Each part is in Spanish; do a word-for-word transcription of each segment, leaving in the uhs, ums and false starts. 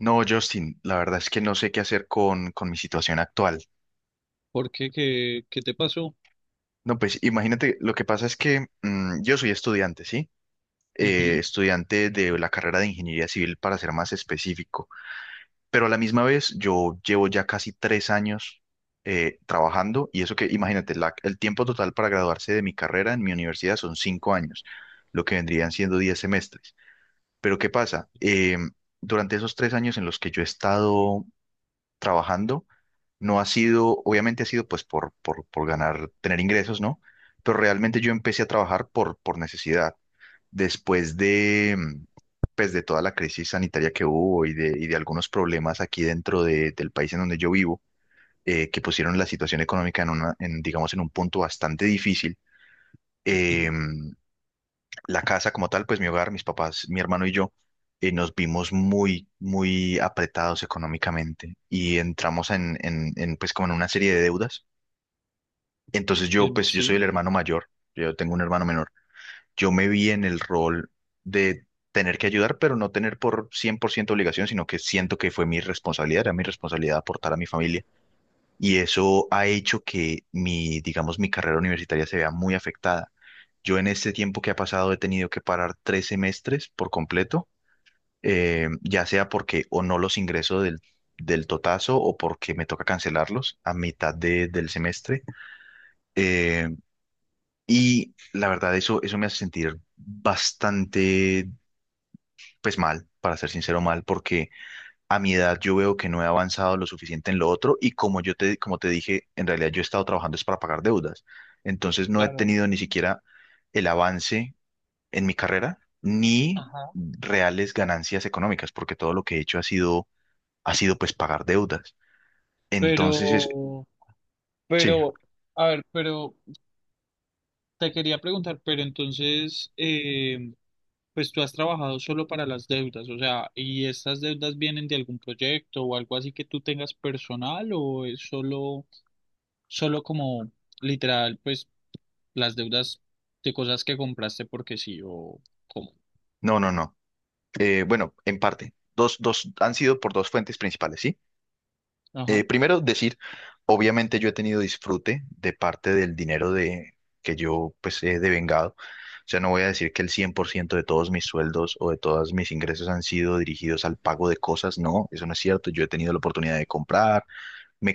No, Justin, la verdad es que no sé qué hacer con, con mi situación actual. ¿Por qué? ¿Qué, qué te pasó? No, pues imagínate, lo que pasa es que mm, yo soy estudiante, ¿sí? Eh, Ujú. Estudiante de la carrera de ingeniería civil, para ser más específico. Pero a la misma vez, yo llevo ya casi tres años eh, trabajando y eso que, imagínate, la- el tiempo total para graduarse de mi carrera en mi universidad son cinco años, lo que vendrían siendo diez semestres. Pero ¿qué pasa? Em, durante esos tres años en los que yo he estado trabajando. No ha sido, obviamente ha sido pues por, por, por ganar, tener ingresos, ¿no? Pero realmente yo empecé a trabajar por, por necesidad. Después de, mm, pues de toda la crisis sanitaria que hubo y de, y de algunos problemas aquí dentro de- del país en donde yo vivo, eh, que pusieron la situación económica en una, en, digamos, en un punto bastante difícil. Eh, en- la casa como tal, pues mi hogar, mis papás, mi hermano y yo, eh, nos vimos muy, muy apretados económicamente y entramos en, en, en, pues como en una serie de deudas. Entonces yo, en- pues yo soy sí, el hermano mayor, yo tengo un hermano menor. Yo me vi en el rol de tener que ayudar, pero no tener por cien por ciento obligación, sino que siento que fue mi responsabilidad, era mi responsabilidad aportar a mi familia y eso ha hecho que mi, digamos, mi carrera universitaria se vea muy afectada. Yo en este tiempo que ha pasado he tenido que parar tres semestres por completo, eh, ya sea porque o no los ingreso del, del totazo o porque me toca cancelarlos a mitad de- del semestre. Eh, y la verdad, eso, eso me hace sentir bastante, pues mal, para ser sincero, mal, porque a mi edad yo veo que no he avanzado lo suficiente en lo otro y como yo te, como te dije, en realidad yo he estado trabajando es para pagar deudas. Entonces no he claro. tenido ni siquiera el avance en mi carrera ni Ajá. reales ganancias económicas porque todo lo que he hecho ha sido, ha sido pues pagar deudas. Entonces es, Pero, sí, pero, a ver, pero te quería preguntar, pero entonces, eh, pues tú has trabajado solo para las deudas, o sea, ¿y estas deudas vienen de algún proyecto o algo así que tú tengas personal o es solo, solo como literal, pues las deudas de cosas que compraste porque sí o cómo? no, no, no. Eh, bueno, en parte, dos, dos han sido por dos fuentes principales, ¿sí? Eh, Ajá, Primero decir, obviamente yo he tenido disfrute de parte del dinero de, que yo pues he devengado. O sea, no voy a decir que el cien por ciento de todos mis sueldos o de todos mis ingresos han sido dirigidos al pago de cosas. No, eso no es cierto. Yo he tenido la oportunidad de comprarme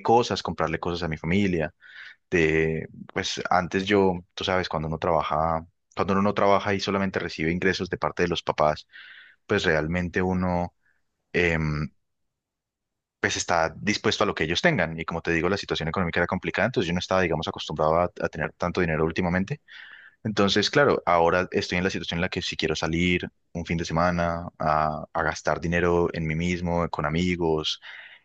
cosas, comprarle cosas a mi familia. De, pues antes yo, tú sabes, cuando uno trabaja, cuando uno no trabaja y solamente recibe ingresos de parte de los papás, pues realmente uno... em, pues está dispuesto a lo que ellos tengan. Y como te digo, la situación económica era complicada, entonces yo no estaba, digamos, acostumbrado a, a tener tanto dinero últimamente. Entonces, claro, ahora estoy en la situación en la que si quiero salir un fin de semana a, a gastar dinero en mí mismo, con amigos,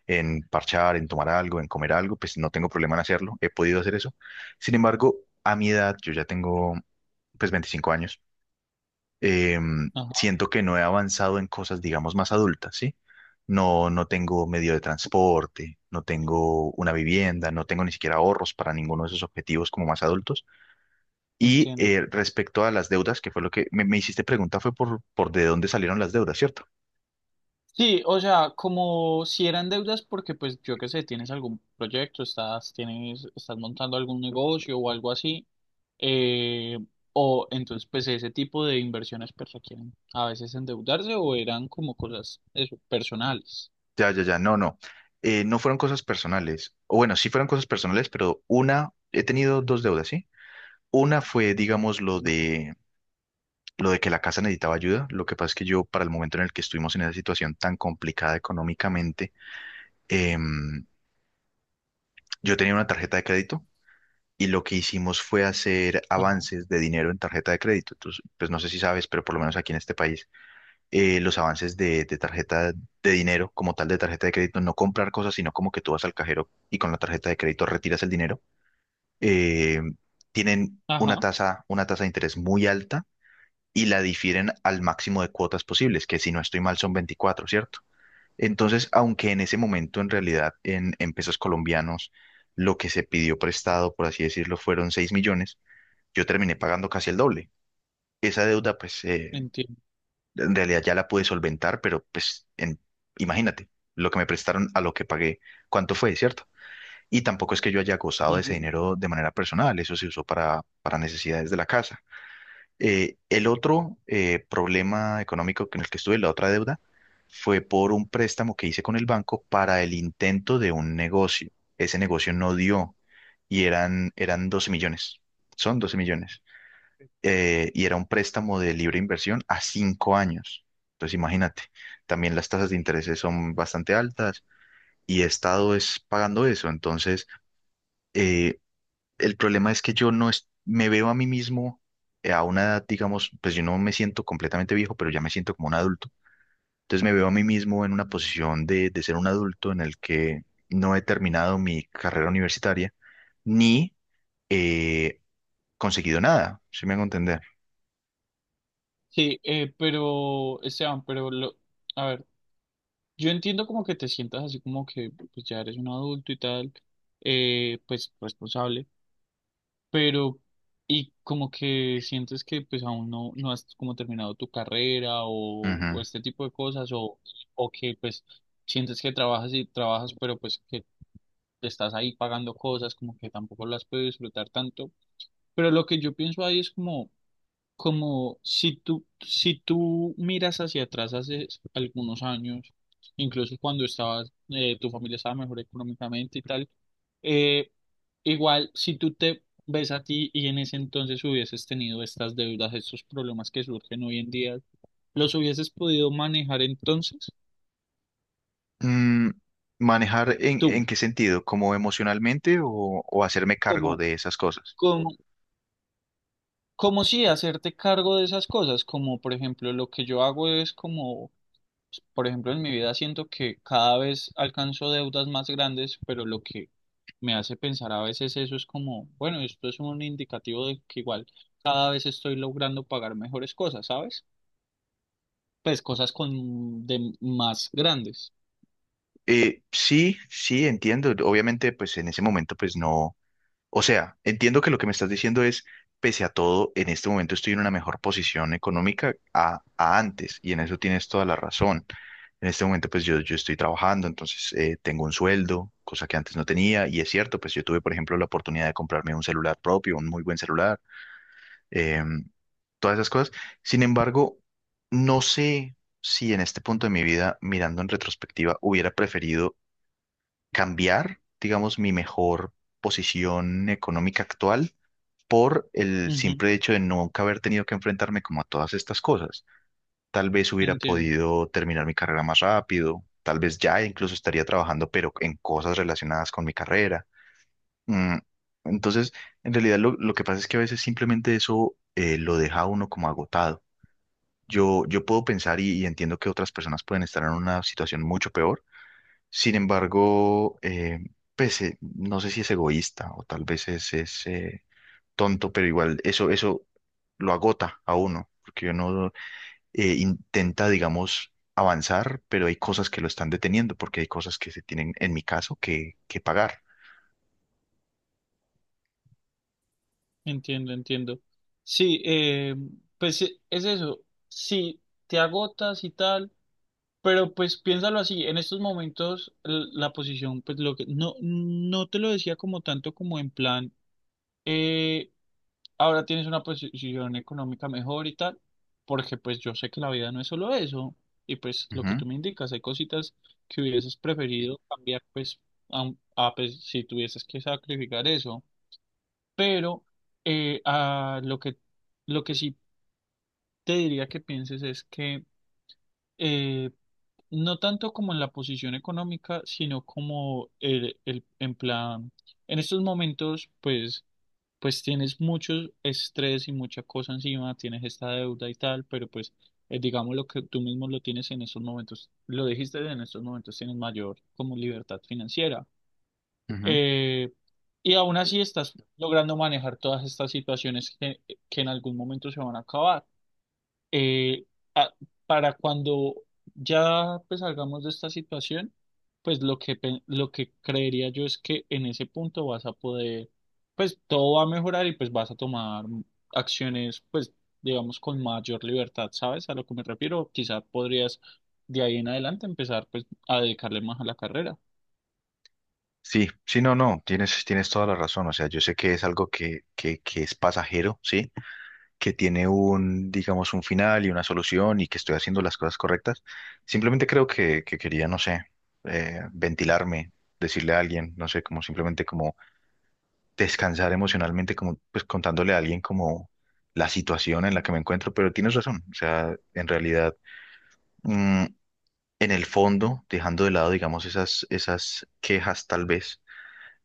en parchar, en tomar algo, en comer algo, pues no tengo problema en hacerlo, he podido hacer eso. Sin embargo, a mi edad, yo ya tengo pues veinticinco años em, ajá, siento que no he avanzado en cosas, digamos, más adultas, ¿sí? No, no tengo medio de transporte, no tengo una vivienda, no tengo ni siquiera ahorros para ninguno de esos objetivos como más adultos. Y entiendo. eh, respecto a las deudas, que fue lo que me, me hiciste pregunta, fue por, por de dónde salieron las deudas, ¿cierto? Sí, o sea, como si eran deudas porque pues yo qué sé, tienes algún proyecto, estás, tienes, estás montando algún negocio o algo así, eh, o entonces pues ese tipo de inversiones pues requieren a veces endeudarse o eran como cosas eso, personales. Ya, ya, ya, no, no. Eh, no fueron cosas personales. O bueno, sí fueron cosas personales, pero una, he tenido dos deudas, ¿sí? Una fue, digamos, lo de lo de que la casa necesitaba ayuda. Lo que pasa es que yo, para el momento en el que estuvimos en esa situación tan complicada económicamente, em, yo tenía una tarjeta de crédito y lo que hicimos fue hacer Ajá, avances de dinero en tarjeta de crédito. Entonces, pues no sé si sabes, pero por lo menos aquí en este país, eh, los avances de, de tarjeta de dinero, como tal de tarjeta de crédito, no comprar cosas, sino como que tú vas al cajero y con la tarjeta de crédito retiras el dinero, eh, tienen una ajá, tasa, una tasa de interés muy alta y la difieren al máximo de cuotas posibles, que si no estoy mal son veinticuatro, ¿cierto? Entonces, aunque en ese momento en realidad en, en pesos colombianos lo que se pidió prestado, por así decirlo, fueron seis millones, yo terminé pagando casi el doble. Esa deuda, pues, eh, entiendo. en realidad ya la pude solventar, pero pues, en- imagínate, lo que me prestaron a lo que pagué, ¿cuánto fue, cierto? Y tampoco es que yo haya gozado de ese Ujú. dinero de manera personal, eso se usó para, para necesidades de la casa. Eh, el otro eh, problema económico en el que estuve, la otra deuda, fue por un préstamo que hice con el banco para el intento de un negocio. Ese negocio no dio y eran, eran doce millones, son doce millones. Eh, y era un préstamo de libre inversión a cinco años. Entonces imagínate, también las tasas de interés son bastante altas y he estado es pagando eso. Entonces, eh, el problema es que yo no es- me veo a mí mismo eh, a una edad, digamos, pues yo no me siento completamente viejo, pero ya me siento como un adulto. Entonces me veo a mí mismo en una posición de, de ser un adulto en el que no he terminado mi carrera universitaria ni he conseguido nada, si me hago entender. Sí, eh, pero Esteban, pero lo, a ver, yo entiendo como que te sientas así como que pues ya eres un adulto y tal, eh, pues responsable. Pero, y como que sientes que pues aún no, no has como terminado tu carrera o, Ujú. o este tipo de cosas, o, o que pues sientes que trabajas y trabajas, pero pues que estás ahí pagando cosas, como que tampoco las puedes disfrutar tanto. Pero lo que yo pienso ahí es como como si tú, si tú miras hacia atrás hace algunos años, incluso cuando estabas, eh, tu familia estaba mejor económicamente y tal, eh, igual si tú te ves a ti y en ese entonces hubieses tenido estas deudas, estos problemas que surgen hoy en día, ¿los hubieses podido manejar entonces Mm, ¿Manejar en, tú? en qué sentido? ¿Como emocionalmente o, o hacerme Como, cargo de esas cosas? como, Como si hacerte cargo de esas cosas, como por ejemplo lo que yo hago es como por ejemplo, en mi vida siento que cada vez alcanzo deudas más grandes, pero lo que me hace pensar a veces eso es como, bueno, esto es un indicativo de que igual cada vez estoy logrando pagar mejores cosas, ¿sabes? Pues cosas con de más grandes. Eh, sí, sí, entiendo. Obviamente, pues en ese momento, pues no. O sea, entiendo que lo que me estás diciendo es, pese a todo, en este momento estoy en una mejor posición económica a, a antes, y en eso tienes toda la razón. En este momento, pues yo, yo estoy trabajando, entonces eh, tengo un sueldo, cosa que antes no tenía, y es cierto, pues yo tuve, por ejemplo, la oportunidad de comprarme un celular propio, un muy buen celular, em, todas esas cosas. Sin embargo, no sé si en este punto de mi vida, mirando en retrospectiva, hubiera preferido cambiar, digamos, mi mejor posición económica actual por el Ujú. simple hecho de nunca haber tenido que enfrentarme como a todas estas cosas. Tal vez hubiera Entiendo, podido terminar mi carrera más rápido, tal vez ya incluso estaría trabajando, pero en cosas relacionadas con mi carrera. Mm, Entonces, en realidad lo, lo que pasa es que a veces simplemente eso eh, lo deja a uno como agotado. Yo, yo puedo pensar y, y entiendo que otras personas pueden estar en una situación mucho peor. Sin embargo, eh, pues eh, no sé si es egoísta o tal vez es, es, eh, tonto, pero igual eso, eso lo agota a uno, porque uno eh, intenta, digamos, avanzar, pero hay cosas que lo están deteniendo, porque hay cosas que se tienen, en mi caso, que, que pagar. Entiendo, entiendo. Sí, eh, pues e- es eso. Si te agotas y tal. Pero pues piénsalo así, en estos momentos l- la posición, pues lo que no, no te lo decía como tanto como en plan, eh, ahora tienes una posición económica mejor y tal, porque pues yo sé que la vida no es solo eso, y pues lo que Ujú, tú me indicas, hay cositas que hubieses preferido cambiar, pues, a, a, pues, si tuvieses que sacrificar eso, pero eh, a lo que, lo que sí te diría que pienses es que eh, no tanto como en la posición económica, sino como el, el, en plan, en estos momentos, pues, pues tienes mucho estrés y mucha cosa encima, tienes esta deuda y tal, pero pues, eh, digamos lo que tú mismo lo tienes en estos momentos, lo dijiste, en estos momentos tienes mayor como libertad financiera. ujú. Eh, y aún así estás logrando manejar todas estas situaciones que, que en algún momento se van a acabar eh, a- para cuando ya pues, salgamos de esta situación, pues lo que, pe- lo que creería yo es que en ese punto vas a poder, pues todo va a mejorar y pues vas a tomar acciones, pues digamos, con mayor libertad, ¿sabes? A lo que me refiero, quizás podrías de ahí en adelante empezar pues a dedicarle más a la carrera. Sí, sí, no, no, tienes, tienes toda la razón. O sea, yo sé que es algo que, que, que es pasajero, ¿sí? Que tiene un, digamos, un final y una solución y que estoy haciendo las cosas correctas. Simplemente creo que, que quería, no sé, eh, ventilarme, decirle a alguien, no sé, como simplemente como descansar emocionalmente, como pues contándole a alguien como la situación en la que me encuentro, pero tienes razón, o sea, en realidad, mm, en el fondo, dejando de lado, digamos, esas, esas quejas tal vez,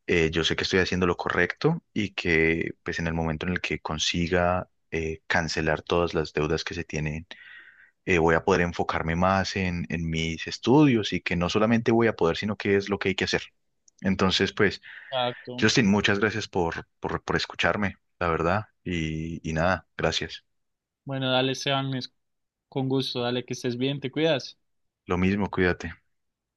eh, yo sé que estoy haciendo lo correcto y que pues en el momento en el que consiga eh, cancelar todas las deudas que se tienen, eh, voy a poder enfocarme más en, en mis estudios y que no solamente voy a poder, sino que es lo que hay que hacer. Entonces, pues... Exacto. Justin, muchas gracias por, por, por escucharme, la verdad. Y, y nada, gracias. Bueno, dale, Esteban, es con gusto, dale, que estés bien, te cuidas. Lo mismo, cuídate.